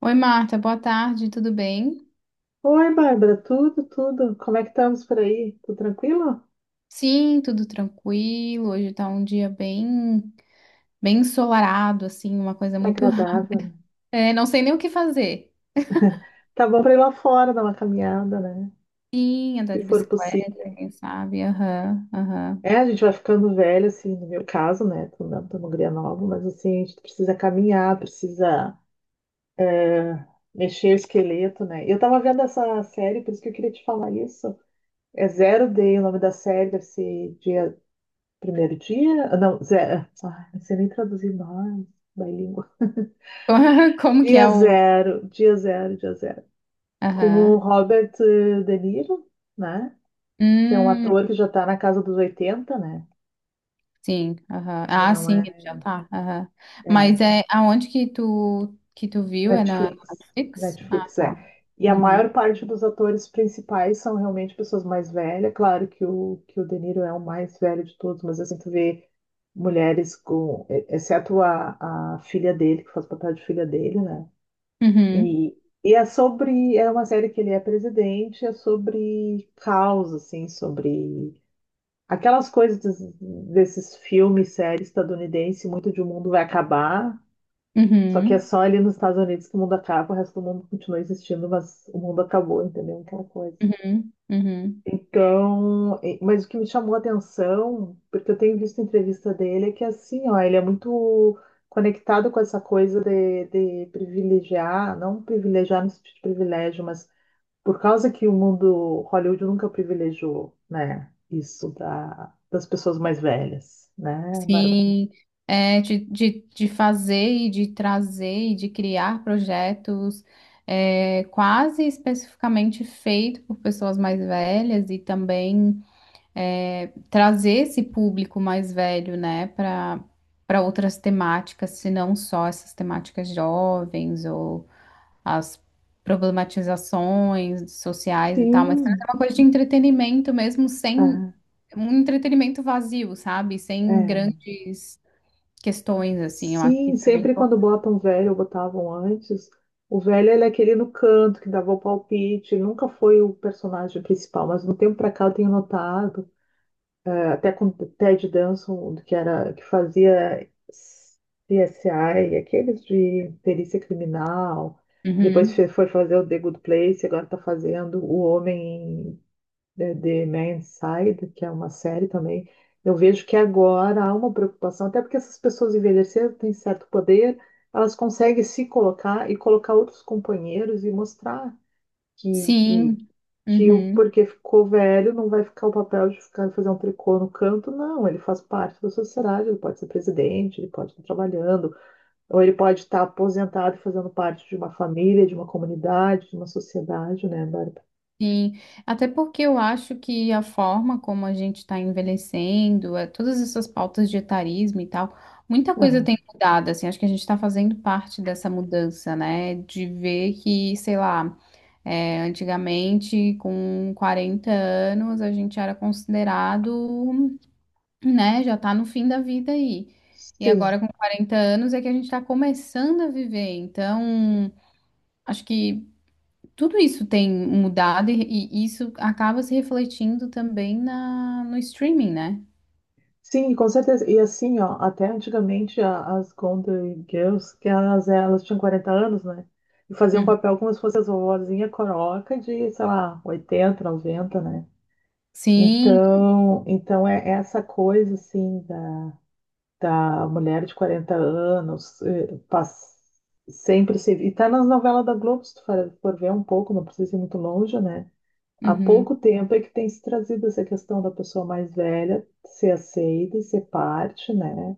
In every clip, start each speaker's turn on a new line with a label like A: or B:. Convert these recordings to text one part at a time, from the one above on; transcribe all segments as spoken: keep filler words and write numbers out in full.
A: Oi, Marta, boa tarde, tudo bem?
B: Oi, Bárbara, tudo, tudo. Como é que estamos por aí? Tudo tranquilo?
A: Sim, tudo tranquilo. Hoje tá um dia bem, bem ensolarado, assim, uma coisa
B: Tá
A: muito.
B: agradável, né?
A: É, não sei nem o que fazer.
B: Tá bom pra ir lá fora dar uma caminhada, né?
A: Sim, andar
B: Se
A: de
B: for
A: bicicleta,
B: possível.
A: quem sabe? Aham, aham.
B: É, a gente vai ficando velho, assim, no meu caso, né? Tô não tô uma guria nova, mas assim, a gente precisa caminhar, precisa ah, mexer o esqueleto, né? Eu tava vendo essa série, por isso que eu queria te falar isso. É Zero Day, o nome da série deve ser dia, primeiro dia? Ah, não, zero. Ai, não sei nem traduzir mais, da língua.
A: Como que
B: Dia
A: é o.
B: zero, dia zero, dia zero. Com o
A: Aham.
B: Robert eh, De Niro, né? Que é um
A: Hum,
B: ator que já está na casa dos oitenta, né?
A: sim, aham.
B: Ele
A: Ah,
B: não
A: sim, ele
B: é,
A: já tá. Aham.
B: é
A: Mas é aonde que tu que tu viu? É na
B: Netflix.
A: Netflix? Ah,
B: Netflix é.
A: tá.
B: E a
A: Uhum.
B: maior parte dos atores principais são realmente pessoas mais velhas. Claro que o, que o De Niro é o mais velho de todos, mas assim, tu vê mulheres com... e- exceto a, a filha dele, que faz papel de filha dele, né?
A: Uhum.
B: E, e é sobre... É uma série que ele é presidente, é sobre causa, assim, sobre aquelas coisas des- desses filmes, séries estadunidense, muito de o mundo vai acabar, só que é
A: Uhum.
B: só ali nos Estados Unidos que o mundo acaba, o resto do mundo continua existindo, mas o mundo acabou, entendeu? Aquela coisa.
A: Uhum. Uhum.
B: Então, e- mas o que me chamou a atenção, porque eu tenho visto entrevista dele, é que assim, ó, ele é muito conectado com essa coisa de, de privilegiar, não privilegiar no sentido de privilégio, mas por causa que o mundo Hollywood nunca privilegiou, né, isso da, das pessoas mais velhas, né, Bárbara?
A: Sim, é, de, de, de fazer e de trazer e de criar projetos é, quase especificamente feito por pessoas mais velhas e também é, trazer esse público mais velho, né, para para outras temáticas, se não só essas temáticas jovens ou as problematizações sociais e tal, mas traz
B: Sim,
A: uma coisa de entretenimento mesmo, sem
B: ah,
A: um entretenimento vazio, sabe? Sem
B: é.
A: grandes questões, assim, eu acho que
B: Sim,
A: isso é bem
B: sempre
A: importante.
B: quando botam um velho, ou botavam antes, o velho ele é aquele no canto que dava o palpite, ele nunca foi o personagem principal, mas no tempo pra cá eu tenho notado até com o Ted Danson, que era que fazia C S I, aqueles de perícia criminal. Depois
A: Uhum.
B: fe- foi fazer o The Good Place, agora está fazendo O Homem eh, The Man's Side, que é uma série também. Eu vejo que agora há uma preocupação, até porque essas pessoas envelheceram, têm certo poder, elas conseguem se colocar e colocar outros companheiros e mostrar que, que,
A: Sim,
B: que o
A: uhum.
B: porque ficou velho não vai ficar o papel de ficar fazer um tricô no canto, não. Ele faz parte da sociedade, ele pode ser presidente, ele pode estar trabalhando, ou ele pode estar aposentado e fazendo parte de uma família, de uma comunidade, de uma sociedade, né, Bárbara?
A: Sim, até porque eu acho que a forma como a gente está envelhecendo, é, todas essas pautas de etarismo e tal, muita coisa
B: Aham.
A: tem mudado, assim, acho que a gente está fazendo parte dessa mudança, né? De ver que, sei lá, É, antigamente, com quarenta anos, a gente era considerado, né, já tá no fim da vida aí. E agora,
B: Sim.
A: com quarenta anos, é que a gente está começando a viver. Então, acho que tudo isso tem mudado e, e isso acaba se refletindo também na, no streaming, né?
B: Sim, com certeza. E assim, ó, até antigamente a- as Golden Girls, que elas, elas tinham quarenta anos, né? E faziam um
A: Uhum.
B: papel como se fosse as vovozinha coroca de, sei lá, oitenta noventa, né?
A: Sim,
B: Então, então é essa coisa assim da, da mulher de quarenta anos, eh, pass- sempre se e tá nas novelas da Globo, se tu for, for ver um pouco, não precisa ir muito longe, né? Há
A: uhum.
B: pouco tempo é que tem se trazido essa questão da pessoa mais velha ser aceita e ser parte, né?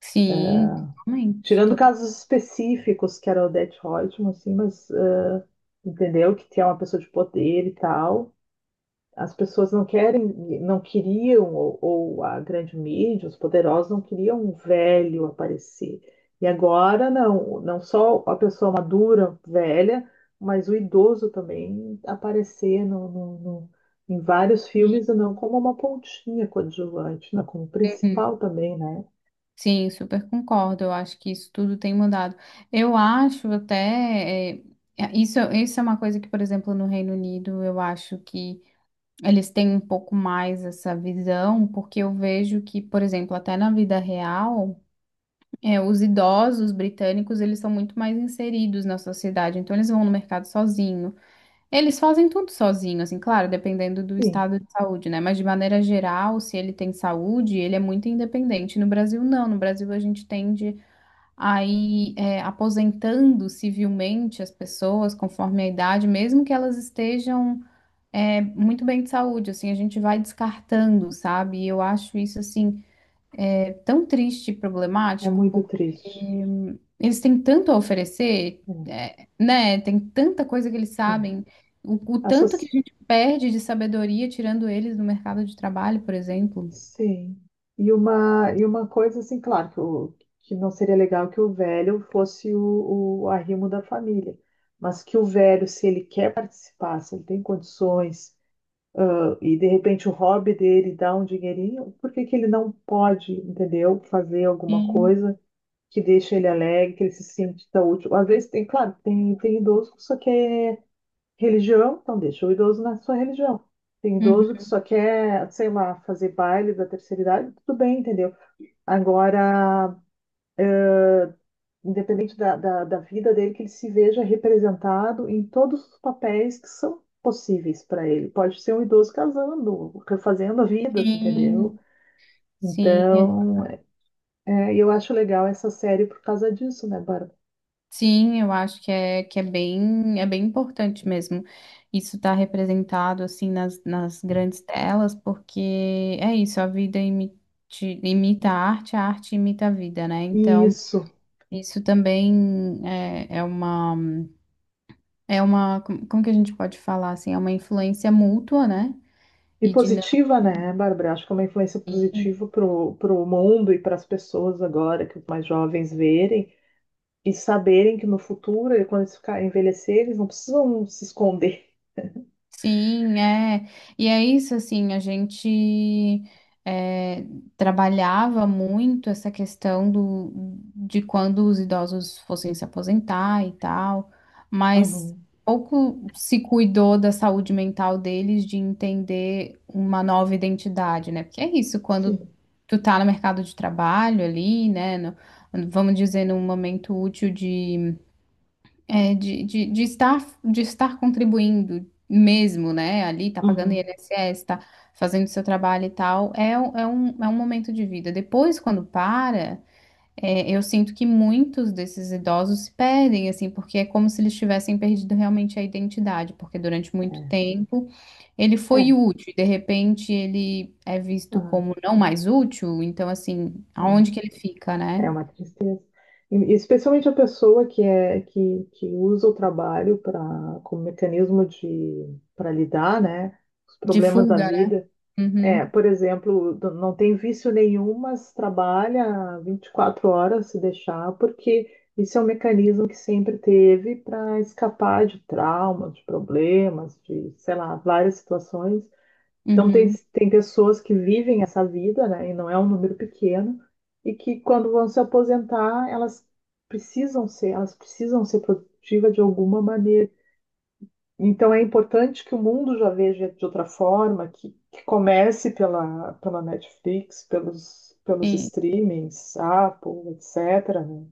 A: Sim, totalmente,
B: Tirando casos específicos, que era o Odete Roitman, assim, mas eh, entendeu que é uma pessoa de poder e tal. As pessoas não querem, não queriam, ou, ou a grande mídia, os poderosos não queriam um velho aparecer. E agora não, não só a pessoa madura, velha, mas o idoso também aparecer no, no- no- em vários filmes,
A: totalmente.
B: não como uma pontinha coadjuvante, não como principal também, né?
A: Sim, super concordo. Eu acho que isso tudo tem mudado. Eu acho até. é, é, isso, isso é uma coisa que, por exemplo, no Reino Unido, eu acho que eles têm um pouco mais essa visão, porque eu vejo que, por exemplo, até na vida real, é, os idosos britânicos, eles são muito mais inseridos na sociedade. Então, eles vão no mercado sozinho. Eles fazem tudo sozinho, assim, claro, dependendo do
B: Sim,
A: estado de saúde, né? Mas de maneira geral, se ele tem saúde, ele é muito independente. No Brasil, não. No Brasil, a gente tende. Aí, é, aposentando civilmente as pessoas conforme a idade, mesmo que elas estejam, é, muito bem de saúde, assim, a gente vai descartando, sabe? E eu acho isso, assim, é tão triste e
B: é
A: problemático,
B: muito
A: porque
B: triste.
A: hum, eles têm tanto a oferecer,
B: É,
A: é, né? Tem tanta coisa que eles
B: é.
A: sabem. O, o
B: A
A: tanto que
B: soci-
A: a gente perde de sabedoria tirando eles do mercado de trabalho, por exemplo.
B: Sim. E uma, e uma coisa assim, claro, que, o, que não seria legal que o velho fosse o, o arrimo da família, mas que o velho, se ele quer participar, se ele tem condições, e de repente o hobby dele dá um dinheirinho, por que que ele não pode, entendeu? Fazer alguma
A: Sim.
B: coisa que deixe ele alegre, que ele se sinta útil. Às vezes tem, claro, tem, tem idoso que só quer religião, então deixa o idoso na sua religião. Tem
A: Uhum.
B: idoso que só quer, sei lá, fazer baile da terceira idade, tudo bem, entendeu? Agora, independente da, da, da vida dele, que ele se veja representado em todos os papéis que são possíveis para ele. Pode ser um idoso casando, refazendo a vida, tu entendeu?
A: Sim, sim.
B: Então, é, eu acho legal essa série por causa disso, né, Bárbara?
A: Sim, eu acho que é, que é bem, é bem importante mesmo. Isso estar representado assim nas, nas grandes telas, porque é isso, a vida imite- imita a arte, a arte imita a vida, né? Então,
B: Isso.
A: isso também é, é uma, é uma, como como que a gente pode falar assim, é uma influência mútua, né?
B: E
A: E dinâmica.
B: positiva, né, Bárbara? Acho que é uma influência positiva para o mundo e para as pessoas agora, que os mais jovens verem e saberem que no futuro, quando eles ficarem envelhecer, eles não precisam se esconder.
A: Sim, é. E é isso, assim, a gente é, trabalhava muito essa questão do, de quando os idosos fossem se aposentar e tal, mas
B: Uhum,
A: pouco se cuidou da saúde mental deles, de entender uma nova identidade, né? Porque é isso, quando
B: sim.
A: tu tá no mercado de trabalho ali, né, no- vamos dizer, num momento útil de é, de, de, de estar, de estar contribuindo mesmo, né? Ali, tá pagando
B: Uhum.
A: I N S S, tá fazendo seu trabalho e tal, é, um- é um, é um momento de vida. Depois, quando para, é, eu sinto que muitos desses idosos se perdem, assim, porque é como se eles tivessem perdido realmente a identidade, porque durante muito
B: É,
A: tempo ele foi
B: é,
A: útil, e de repente ele é visto
B: ah,
A: como não mais útil, então, assim, aonde que ele fica,
B: é,
A: né?
B: é uma tristeza. E, especialmente a pessoa que, é, que, que usa o trabalho pra, como mecanismo de para lidar, né, com os
A: De
B: problemas da
A: fuga, né?
B: vida. É,
A: Uhum,
B: por exemplo, do- não tem vício nenhum, mas trabalha vinte e quatro horas se deixar, porque isso é um mecanismo que sempre teve para escapar de traumas, de problemas, de, sei lá, várias situações. Então, tem,
A: uhum,
B: tem pessoas que vivem essa vida, né, e não é um número pequeno, e que quando vão se aposentar, elas precisam ser, elas precisam ser produtivas de alguma maneira. Então é importante que o mundo já veja de outra forma, que, que comece pela, pela Netflix, pelos, pelos
A: sim,
B: streamings, Apple, etcétera né?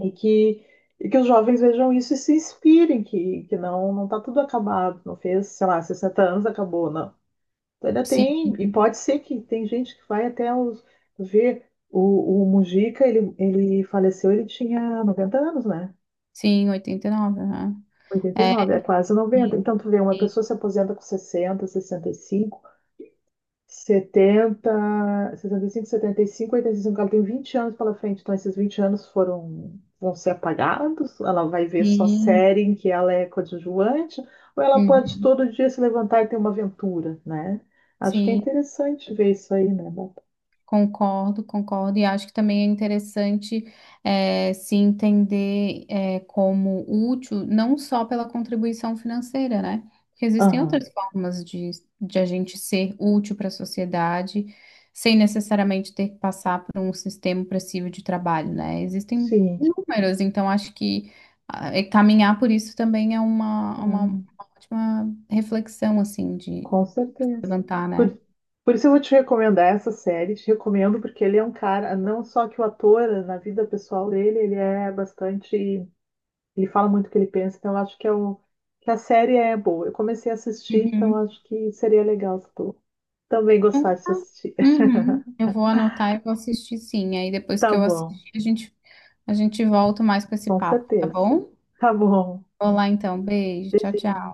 B: E que, e que os jovens vejam isso e se inspirem, que, que não não está tudo acabado, não fez, sei lá, sessenta anos, acabou, não. Ainda
A: Sim,
B: tem, e pode ser que tem gente que vai até os, ver o, o Mujica, ele, ele faleceu, ele tinha noventa anos, né?
A: sim, oitenta e nove. Aham.
B: oitenta e
A: É,
B: nove é quase
A: sim,
B: noventa. Então, tu vê, uma
A: sim,
B: pessoa se aposenta com sessenta, sessenta sessenta e cinco, setenta, sessenta e cinco, setenta, sessenta, sessenta e cinco, setenta, sessenta e cinco, setenta e cinco, oitenta e cinco, ela tem vinte anos pela frente. Então, esses vinte anos foram, vão ser apagados, ela vai ver só
A: sim.
B: série em que ela é coadjuvante, ou ela pode
A: Uhum,
B: todo dia se levantar e ter uma aventura, né? Acho que é
A: sim.
B: interessante ver isso aí, né? Bárbara?
A: Concordo, concordo, e acho que também é interessante eh, se entender eh, como útil, não só pela contribuição financeira, né? Porque existem
B: Aham,
A: outras formas de, de a gente ser útil para a sociedade, sem necessariamente ter que passar por um sistema opressivo de trabalho, né? Existem
B: sim.
A: inúmeras, então acho que ah, eh, caminhar por isso também é uma, uma, uma
B: Ah,
A: ótima reflexão, assim, de
B: com certeza.
A: levantar, né?
B: Por, por isso eu vou te recomendar essa série. Te recomendo porque ele é um cara, não só que o ator, na vida pessoal dele, ele é bastante. Ele fala muito o que ele pensa, então eu acho que, é um, que a série é boa. Eu comecei a assistir, então
A: Uhum.
B: eu acho que seria legal se tu também
A: Então,
B: gostasse de assistir.
A: Uhum. Eu vou anotar e vou assistir sim. Aí depois
B: Tá
A: que eu
B: bom,
A: assistir, a gente, a gente volta mais com esse
B: com
A: papo, tá
B: certeza.
A: bom?
B: Tá bom.
A: Vou lá então. Beijo. Tchau,
B: Beijinho.
A: tchau.